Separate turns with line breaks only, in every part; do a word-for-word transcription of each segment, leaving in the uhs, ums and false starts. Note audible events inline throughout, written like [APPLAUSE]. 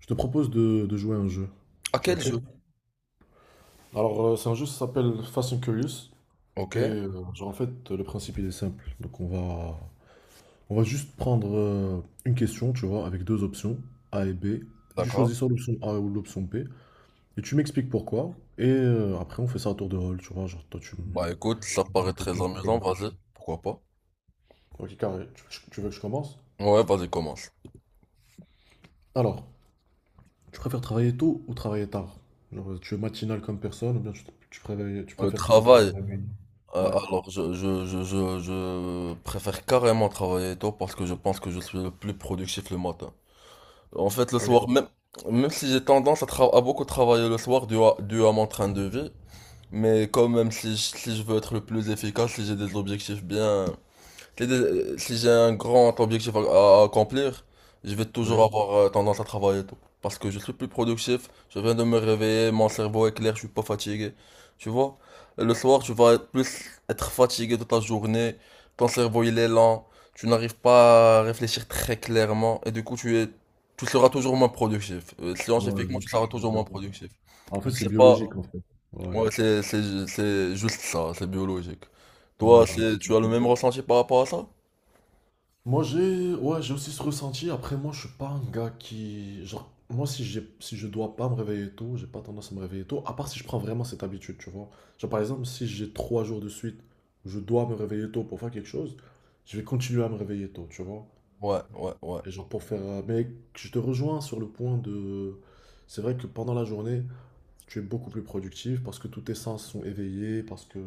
Je te propose de, de jouer à un jeu.
À
Tu es
quel
OK?
jeu?
Alors, euh, c'est un jeu qui s'appelle Fast and Curious.
Ok,
Et euh, genre, en fait, le principe, il est simple. Donc, on va, on va juste prendre euh, une question, tu vois, avec deux options, A et B. Et tu choisis
d'accord.
soit l'option A ou l'option B. Et tu m'expliques pourquoi. Et euh, après, on fait ça à tour de rôle, tu vois. Genre, toi, tu me
Bah écoute, ça
tu me poses
paraît
une
très
question, je te pose
amusant,
une
vas-y,
question.
pourquoi pas?
OK, carré. Tu, tu- tu veux que je commence?
Ouais, vas-y, commence.
Alors, tu préfères travailler tôt ou travailler tard? Genre, tu es matinal comme personne ou bien tu, tu préfères, tu
Le
préfères plutôt travailler
travail,
la nuit?
euh,
Ouais.
alors je, je, je, je, je préfère carrément travailler tôt parce que je pense que je suis le plus productif le matin. En fait, le
Ok,
soir, même, même si j'ai tendance à, tra- à beaucoup travailler le soir dû à, dû à mon train de vie, mais quand même, si, je- si je veux être le plus efficace, si j'ai des objectifs bien. Si des- si j'ai un grand objectif à, à accomplir, je vais toujours
ok.
avoir euh, tendance à travailler et tout. Parce que je suis plus productif, je viens de me réveiller, mon cerveau est clair, je suis pas fatigué. Tu vois? Et le soir, tu vas être plus être fatigué de ta journée, ton cerveau il est lent, tu n'arrives pas à réfléchir très clairement, et du coup tu es, tu seras toujours moins productif. Euh,
Ouais, je
Scientifiquement,
vois
tu
ce que
seras
tu veux
toujours
dire.
moins productif.
En fait,
Je
c'est
sais pas,
biologique, en fait. Ouais,
moi c'est c'est- c'est juste ça, c'est biologique. Toi,
ouais, bah, de
c'est-
toute
tu as le
façon.
même ressenti par rapport à ça?
Moi, j'ai, ouais, j'ai aussi ce ressenti. Après, moi, je suis pas un gars qui, genre, moi, si j'ai, si je dois pas me réveiller tôt, j'ai pas tendance à me réveiller tôt. À part si je prends vraiment cette habitude, tu vois. Genre, par exemple, si j'ai trois jours de suite où je dois me réveiller tôt pour faire quelque chose, je vais continuer à me réveiller tôt, tu vois.
Ouais, ouais, ouais.
Et genre pour faire, euh, mais je te rejoins sur le point de, c'est vrai que pendant la journée, tu es beaucoup plus productif parce que tous tes sens sont éveillés, parce que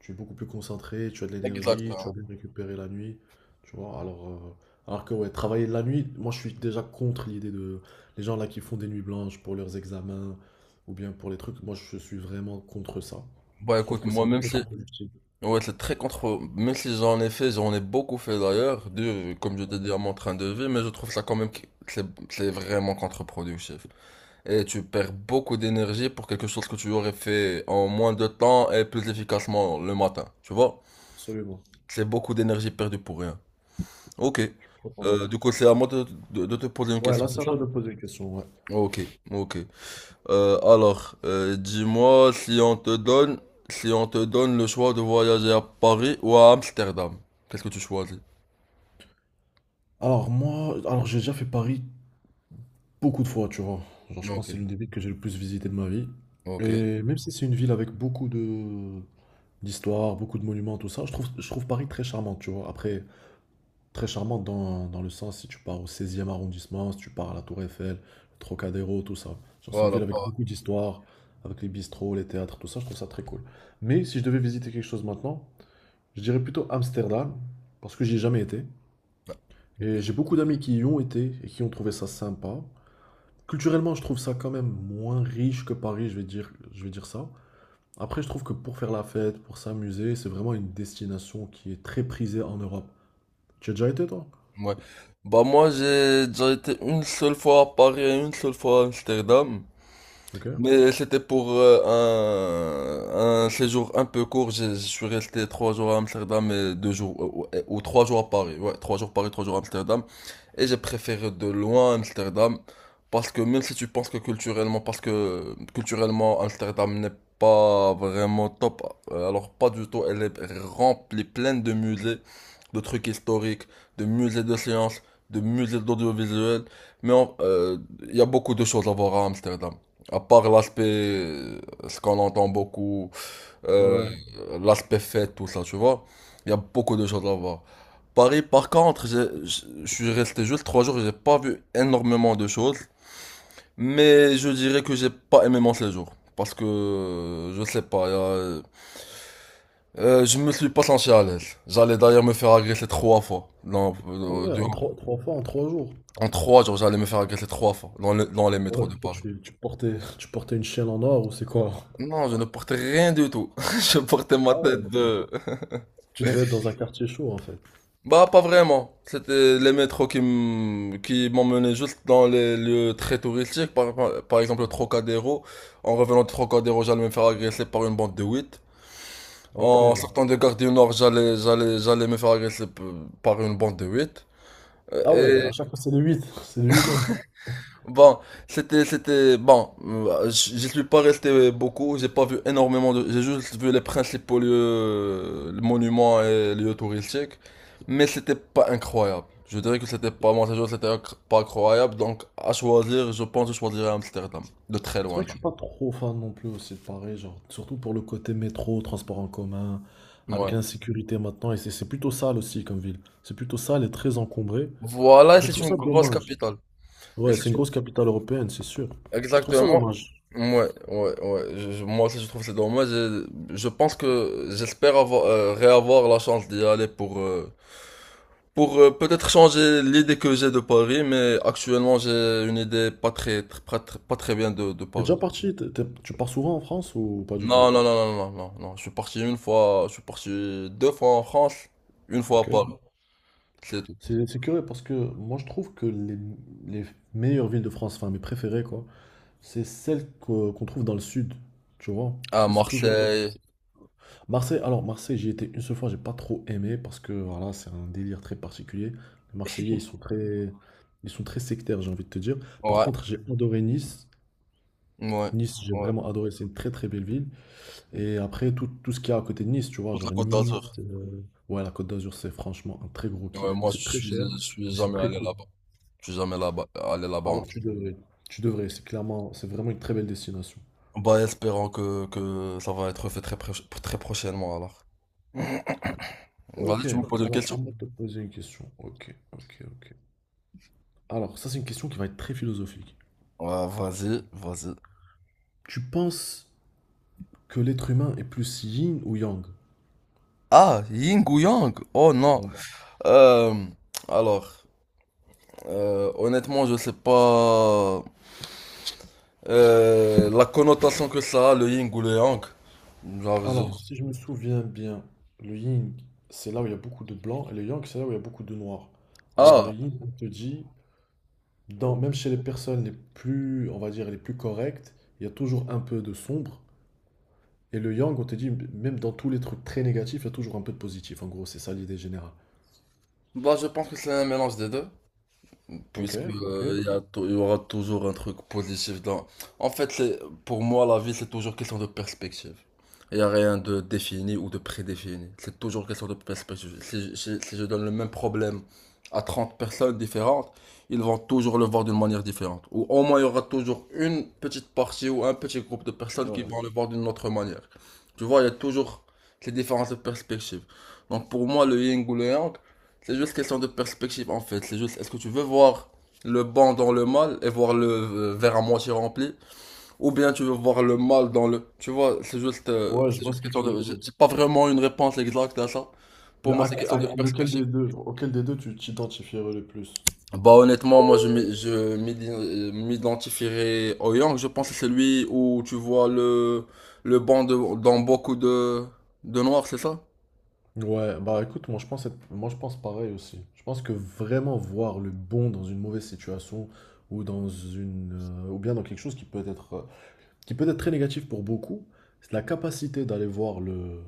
tu es beaucoup plus concentré, tu as de l'énergie, tu as
Exactement.
bien récupéré la nuit, tu vois. Alors, euh, alors que ouais, travailler la nuit, moi je suis déjà contre l'idée de les gens là qui font des nuits blanches pour leurs examens ou bien pour les trucs, moi je suis vraiment contre ça.
Bah
Je trouve
écoute,
que
moi
c'est
même si
contre-productif.
ouais, c'est très contre même si j'en ai fait, j'en ai beaucoup fait d'ailleurs, de comme je
Ouais,
t'ai dit à mon train de vie, mais je trouve ça quand même que c'est c'est vraiment contre-productif. Et tu perds beaucoup d'énergie pour quelque chose que tu aurais fait en moins de temps et plus efficacement le matin. Tu vois?
absolument,
C'est beaucoup d'énergie perdue pour rien. Ok.
complètement
Euh, du
d'accord.
coup, c'est à moi de, de- de te poser une
Ouais,
question,
là
c'est
c'est à
ça?
toi de poser une question, ouais.
Ok, ok. Euh, alors, euh, dis-moi si on te donne, si on te donne le choix de voyager à Paris ou à Amsterdam, qu'est-ce que tu choisis?
Alors moi, alors j'ai déjà fait Paris beaucoup de fois, tu vois. Genre, je pense
Ok,
que c'est l'une des villes que j'ai le plus visité de ma vie.
ok.
Et même si c'est une ville avec beaucoup de d'histoire, beaucoup de monuments, tout ça, je trouve, je trouve Paris très charmante, tu vois. Après, très charmante dans, dans le sens, si tu pars au seizième arrondissement, si tu pars à la Tour Eiffel, le Trocadéro, tout ça. Genre, c'est une
Voilà,
ville avec
pas.
beaucoup d'histoire, avec les bistrots, les théâtres, tout ça, je trouve ça très cool. Mais si je devais visiter quelque chose maintenant, je dirais plutôt Amsterdam, parce que j'y ai jamais été.
Ok.
Et j'ai beaucoup d'amis qui y ont été et qui ont trouvé ça sympa. Culturellement, je trouve ça quand même moins riche que Paris, je vais dire, je vais dire ça. Après, je trouve que pour faire la fête, pour s'amuser, c'est vraiment une destination qui est très prisée en Europe. Tu as déjà été, toi?
Ouais. Bah moi j'ai déjà été une seule fois à Paris et une seule fois à Amsterdam.
Ok.
Mais c'était pour euh, un, un séjour un peu court. J'ai- Je suis resté trois jours à Amsterdam et deux jours ou, ou- ou trois jours à Paris. Ouais, trois jours Paris, trois jours à Amsterdam. Et j'ai préféré de loin Amsterdam parce que même si tu penses que culturellement, parce que culturellement Amsterdam n'est pas vraiment top, euh, alors pas du tout, elle est remplie, pleine de musées, de trucs historiques, de musées de sciences, de musées d'audiovisuel, mais en- euh, il y a beaucoup de choses à voir à Amsterdam. À part l'aspect, euh, ce qu'on entend beaucoup, euh,
Ouais.
l'aspect fête, tout ça, tu vois. Il y a beaucoup de choses à voir. Paris, par contre, j'ai- je je suis resté juste trois jours, j'ai pas vu énormément de choses, mais je dirais que j'ai pas aimé mon séjour. Parce que, euh, je sais pas, il y a- euh, je me suis pas senti à l'aise. J'allais d'ailleurs me faire agresser trois fois. Dans-
Ah
euh,
ouais, en
durant-
trois, trois fois en trois jours.
en trois jours, j'allais me faire agresser trois fois dans, le- dans les métros
Ouais,
de
pourquoi
Paris.
tu, tu portais, [LAUGHS] tu portais une chaîne en or ou c'est quoi?
Non, je ne portais rien du tout. [LAUGHS] Je portais ma
Ah ouais,
tête
tu,
de...
tu devais être dans un quartier chaud en fait.
Bah, pas vraiment. C'était les métros qui m- qui m'emmenaient juste dans les lieux très touristiques. Par, par- par exemple, le Trocadéro. En revenant de Trocadéro, j'allais me faire agresser par une bande de huit.
Ok.
En sortant de Gare du Nord, j'allais, j'allais, j'allais me faire agresser p- par une bande de huit.
Ah ouais, à chaque fois c'est le huit, [LAUGHS] c'est lui-même.
Bon, c'était, c'était, bon, euh, j- j'y suis pas resté beaucoup, j'ai pas vu énormément de, j'ai juste vu les principaux lieux, euh, les monuments et lieux touristiques, mais c'était pas incroyable. Je dirais que c'était pas, mon séjour, c'était inc- pas incroyable, donc à choisir, je pense que je choisirais Amsterdam, de très
C'est vrai
loin.
que je suis pas trop fan non plus aussi de Paris, genre, surtout pour le côté métro, transport en commun, avec
Ouais.
l'insécurité maintenant, et c'est c'est plutôt sale aussi comme ville. C'est plutôt sale et très encombré,
Voilà, et
mais je
c'est
trouve
une
ça
grosse
dommage.
capitale. Et
Ouais, c'est
c'est
une
une...
grosse capitale européenne, c'est sûr. Je trouve ça
Exactement.
dommage.
Ouais, ouais, ouais. Je- je- moi aussi, je trouve que c'est dommage. Je, je pense que j'espère avoir, euh, réavoir la chance d'y aller pour, euh, Pour euh, peut-être changer l'idée que j'ai de Paris, mais actuellement j'ai une idée pas très, tr- pas, tr- pas très bien de, de
T'es
Paris.
déjà parti, t'es- t'es- tu pars souvent en France ou pas du tout?
Non, non, non, non, non, non, non. Je suis parti une fois, je suis parti deux fois en France, une fois à
Ok.
Paris, c'est tout.
C'est c'est curieux parce que moi je trouve que les, les meilleures villes de France, enfin mes préférées quoi, c'est celles que- qu'on trouve dans le sud, tu vois? Parce
À
que c'est toujours...
Marseille,
Marseille, alors Marseille, j'y étais une seule fois, j'ai pas trop aimé parce que voilà, c'est un délire très particulier. Les Marseillais, ils sont très, ils sont très sectaires, j'ai envie de te dire. Par
ouais,
contre, j'ai adoré Nice.
ouais,
Nice, j'ai
ouais.
vraiment adoré, c'est une très très belle ville. Et après, tout, tout ce qu'il y a à côté de Nice, tu vois,
Toute la
genre
Côte
Nice,
d'Azur.
euh, Ouais, la Côte d'Azur, c'est franchement un très gros
Ouais,
kiff.
moi je
C'est très
suis,
cher,
je suis
mais c'est
jamais
très
allé
cool.
là-bas. Je suis jamais là-bas, allé là-bas encore.
Alors tu devrais, tu devrais, c'est clairement, c'est vraiment une très belle destination.
Bah, espérons que, que ça va être fait très, proche- très prochainement alors. Vas-y,
Ok,
tu me poses une
alors à
question?
moi de te poser une question. Ok, ok, ok. Alors, ça, c'est une question qui va être très philosophique.
Ouais, vas-y, vas-y.
Tu penses que l'être humain est plus yin ou yang?
Ah, Ying ou Yang? Oh non.
Ouais.
Euh, alors, euh, honnêtement, je sais pas euh, la connotation que ça a, le Ying ou le Yang. Genre, je-
Alors, si je me souviens bien, le yin, c'est là où il y a beaucoup de blanc, et le yang, c'est là où il y a beaucoup de noir. Alors, le
Ah,
yin, on te dit, dans, même chez les personnes les plus, on va dire, les plus correctes, il y a toujours un peu de sombre. Et le yang, on te dit, même dans tous les trucs très négatifs, il y a toujours un peu de positif. En gros, c'est ça l'idée générale.
bah je pense que c'est un mélange des deux.
Ok,
Puisque
ok.
euh, il y a tou- il y aura toujours un truc positif dans. En fait, c'est- pour moi, la vie, c'est toujours question de perspective. Il n'y a rien de défini ou de prédéfini. C'est toujours question de perspective. Si, je si- si je donne le même problème à trente personnes différentes, ils vont toujours le voir d'une manière différente. Ou au moins, il y aura toujours une petite partie ou un petit groupe de personnes qui
Ouais.
vont le voir d'une autre manière. Tu vois, il y a toujours ces différences de perspective. Donc pour moi, le yin ou le yang, c'est juste question de perspective en fait. C'est juste, est-ce que tu veux voir le bon dans le mal et voir le euh, verre à moitié rempli, ou bien tu veux voir le mal dans le. Tu vois, c'est juste, euh,
Ouais, je
c'est
vois ce
juste
que
question
tu veux
de. J'ai
dire.
j'ai pas vraiment une réponse exacte à ça.
Mais
Pour moi,
à,
c'est question de
à lequel
perspective.
des deux, auquel des deux tu t'identifierais le plus?
Bah honnêtement, moi je m'i- je m'idi- euh, m'identifierais au Yang. Je pense que c'est lui où tu vois le le bon de- dans beaucoup de de noirs, c'est ça?
Ouais, bah écoute, moi je pense être- moi je pense pareil aussi. Je pense que vraiment voir le bon dans une mauvaise situation ou dans une euh, ou bien dans quelque chose qui peut être euh, qui peut être très négatif pour beaucoup, c'est la capacité d'aller voir le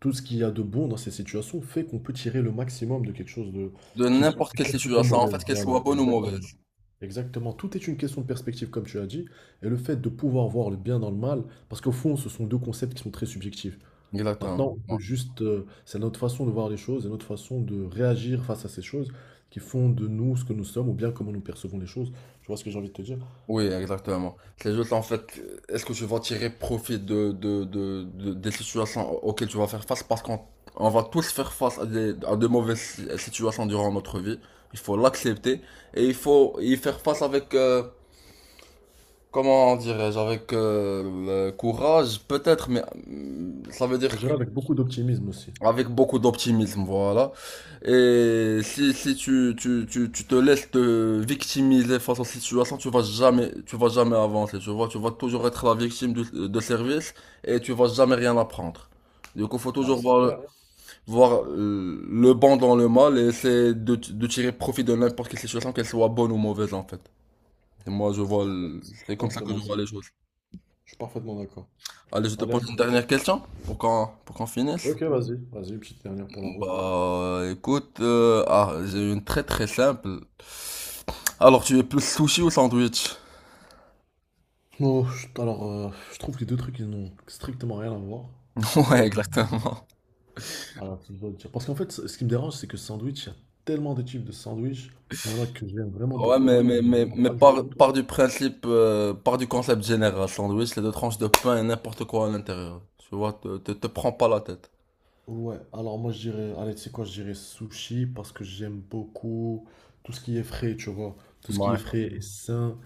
tout ce qu'il y a de bon dans ces situations fait qu'on peut tirer le maximum de quelque chose de
De
qui
n'importe
est
quelle
perçu comme
situation, en
mauvaise.
fait, qu'elle
Voilà,
soit bonne ou
exactement.
mauvaise.
Exactement, tout est une question de perspective comme tu as dit et le fait de pouvoir voir le bien dans le mal parce qu'au fond, ce sont deux concepts qui sont très subjectifs.
Exactement.
Maintenant, on peut juste, euh, c'est notre façon de voir les choses et notre façon de réagir face à ces choses qui font de nous ce que nous sommes ou bien comment nous percevons les choses. Tu vois ce que j'ai envie de te dire?
Oui, exactement. C'est juste en fait, euh, est-ce que tu vas tirer profit de, de, de, de- des situations au- auxquelles tu vas faire face? Parce qu'on on va tous faire face à des, à de mauvaises si- situations durant notre vie. Il faut l'accepter et il faut y faire face avec, euh, comment dirais-je, avec euh, le courage, peut-être, mais euh, ça veut
Je
dire que
dirais avec beaucoup d'optimisme aussi.
avec beaucoup d'optimisme, voilà. Et si, si tu, tu, tu, tu te laisses te victimiser face aux situations, tu vas jamais, tu vas jamais avancer, tu vois. Tu vas toujours être la victime de, de service et tu vas jamais rien apprendre. Du coup, faut
Bah,
toujours
c'est
voir, le-
clair.
voir euh, le bon dans le mal et essayer de, de tirer profit de n'importe quelle situation, qu'elle soit bonne ou mauvaise, en fait. Et moi, je vois, le-
C'est
c'est comme ça que je
exactement
vois
ça.
les choses.
Je suis parfaitement d'accord.
Allez, je te
Allez, à
pose
toi.
une dernière question pour qu'on, pour qu'on finisse.
Ok, vas-y. Vas-y, petite dernière pour la route.
Bah, écoute, euh, ah, j'ai une très très simple. Alors, tu es plus sushi ou sandwich?
Oh, je- alors, euh, je trouve que les deux trucs, ils n'ont strictement rien à voir.
[LAUGHS]
Mais...
Ouais,
euh,
exactement.
Alors, je dois le dire. Parce qu'en fait, ce ce qui me dérange, c'est que sandwich, il y a tellement de types de sandwich. Il y en a que j'aime vraiment
Ouais,
beaucoup, il y en
mais,
a que
mais,
j'aime
mais,
vraiment
mais
pas du
par,
tout.
par du principe, euh, par du concept général, sandwich, c'est deux tranches de pain et n'importe quoi à l'intérieur. Tu vois, te, te, te prends pas la tête.
Ouais, alors moi je dirais, allez, tu sais quoi, je dirais sushi parce que j'aime beaucoup tout ce qui est frais, tu vois, tout ce qui est
Ouais.
frais et sain.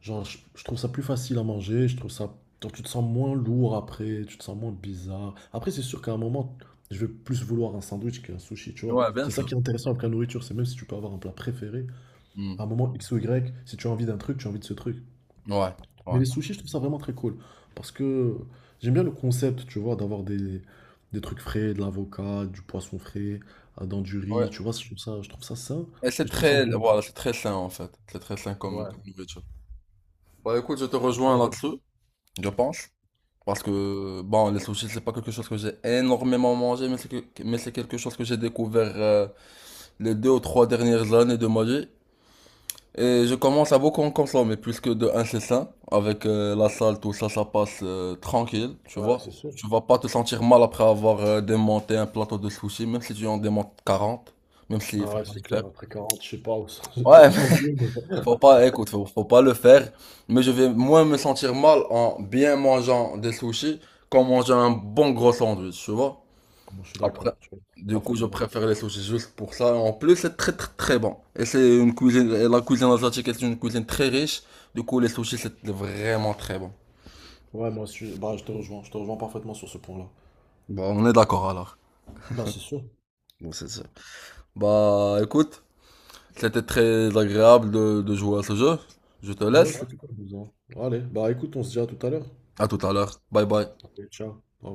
Genre, je, je trouve ça plus facile à manger, je trouve ça, genre, tu te sens moins lourd après, tu te sens moins bizarre. Après, c'est sûr qu'à un moment, je vais plus vouloir un sandwich qu'un sushi, tu vois.
Ouais, bien
C'est ça
sûr.
qui est intéressant avec la nourriture, c'est même si tu peux avoir un plat préféré,
Hmm.
à un moment X ou Y, si tu as envie d'un truc, tu as envie de ce truc.
Ouais,
Mais
ouais.
les sushis, je trouve ça vraiment très cool. Parce que j'aime bien le concept, tu vois, d'avoir des, des trucs frais, de l'avocat, du poisson frais, euh, dans du
Ouais.
riz, tu vois, je trouve ça, je trouve ça sain
Et c'est
et je trouve ça
très,
bon.
voilà, c'est très sain en fait. C'est très sain comme
Ouais,
comme nourriture. Bah écoute, je te rejoins
absolument.
là-dessus, je pense. Parce que, bon, les sushis, c'est pas quelque chose que j'ai énormément mangé, mais c'est que- mais c'est quelque chose que j'ai découvert euh, les deux ou trois dernières années de ma vie. Et je commence à beaucoup en consommer, puisque de un, c'est sain. Avec euh, la salle, tout ça, ça passe euh, tranquille, tu
Ouais,
vois.
c'est sûr.
Tu vas pas te sentir mal après avoir euh, démonté un plateau de sushis, même si tu en démontes quarante, même s'il
Ah
faut
ouais,
pas le
c'est
faire.
clair, après quarante, je sais pas, où ça- [LAUGHS] je sais
Ouais,
pas non plus, mais...
Faut
[LAUGHS]
pas, écoute, faut, faut pas le faire. Mais je vais moins me sentir mal en bien mangeant des sushis qu'en mangeant un bon gros sandwich, tu vois.
Moi, je suis d'accord,
Après,
je suis
du coup, je
parfaitement d'accord.
préfère les sushis juste pour ça. En plus, c'est très très très bon. Et c'est une cuisine, et la cuisine asiatique est une cuisine très riche. Du coup, les sushis, c'est vraiment très bon.
Ouais, moi aussi, je- bah, je te rejoins, je te rejoins parfaitement sur ce point-là.
Bah, on est d'accord alors.
Bah, c'est sûr.
Bon, c'est ça. Bah, écoute, c'était très agréable de, de jouer à ce jeu. Je te
Ouais,
laisse.
c'était plus plutôt amusant. Allez, bah écoute, on se dit à tout à l'heure.
À tout à l'heure. Bye bye.
Allez, ciao. Au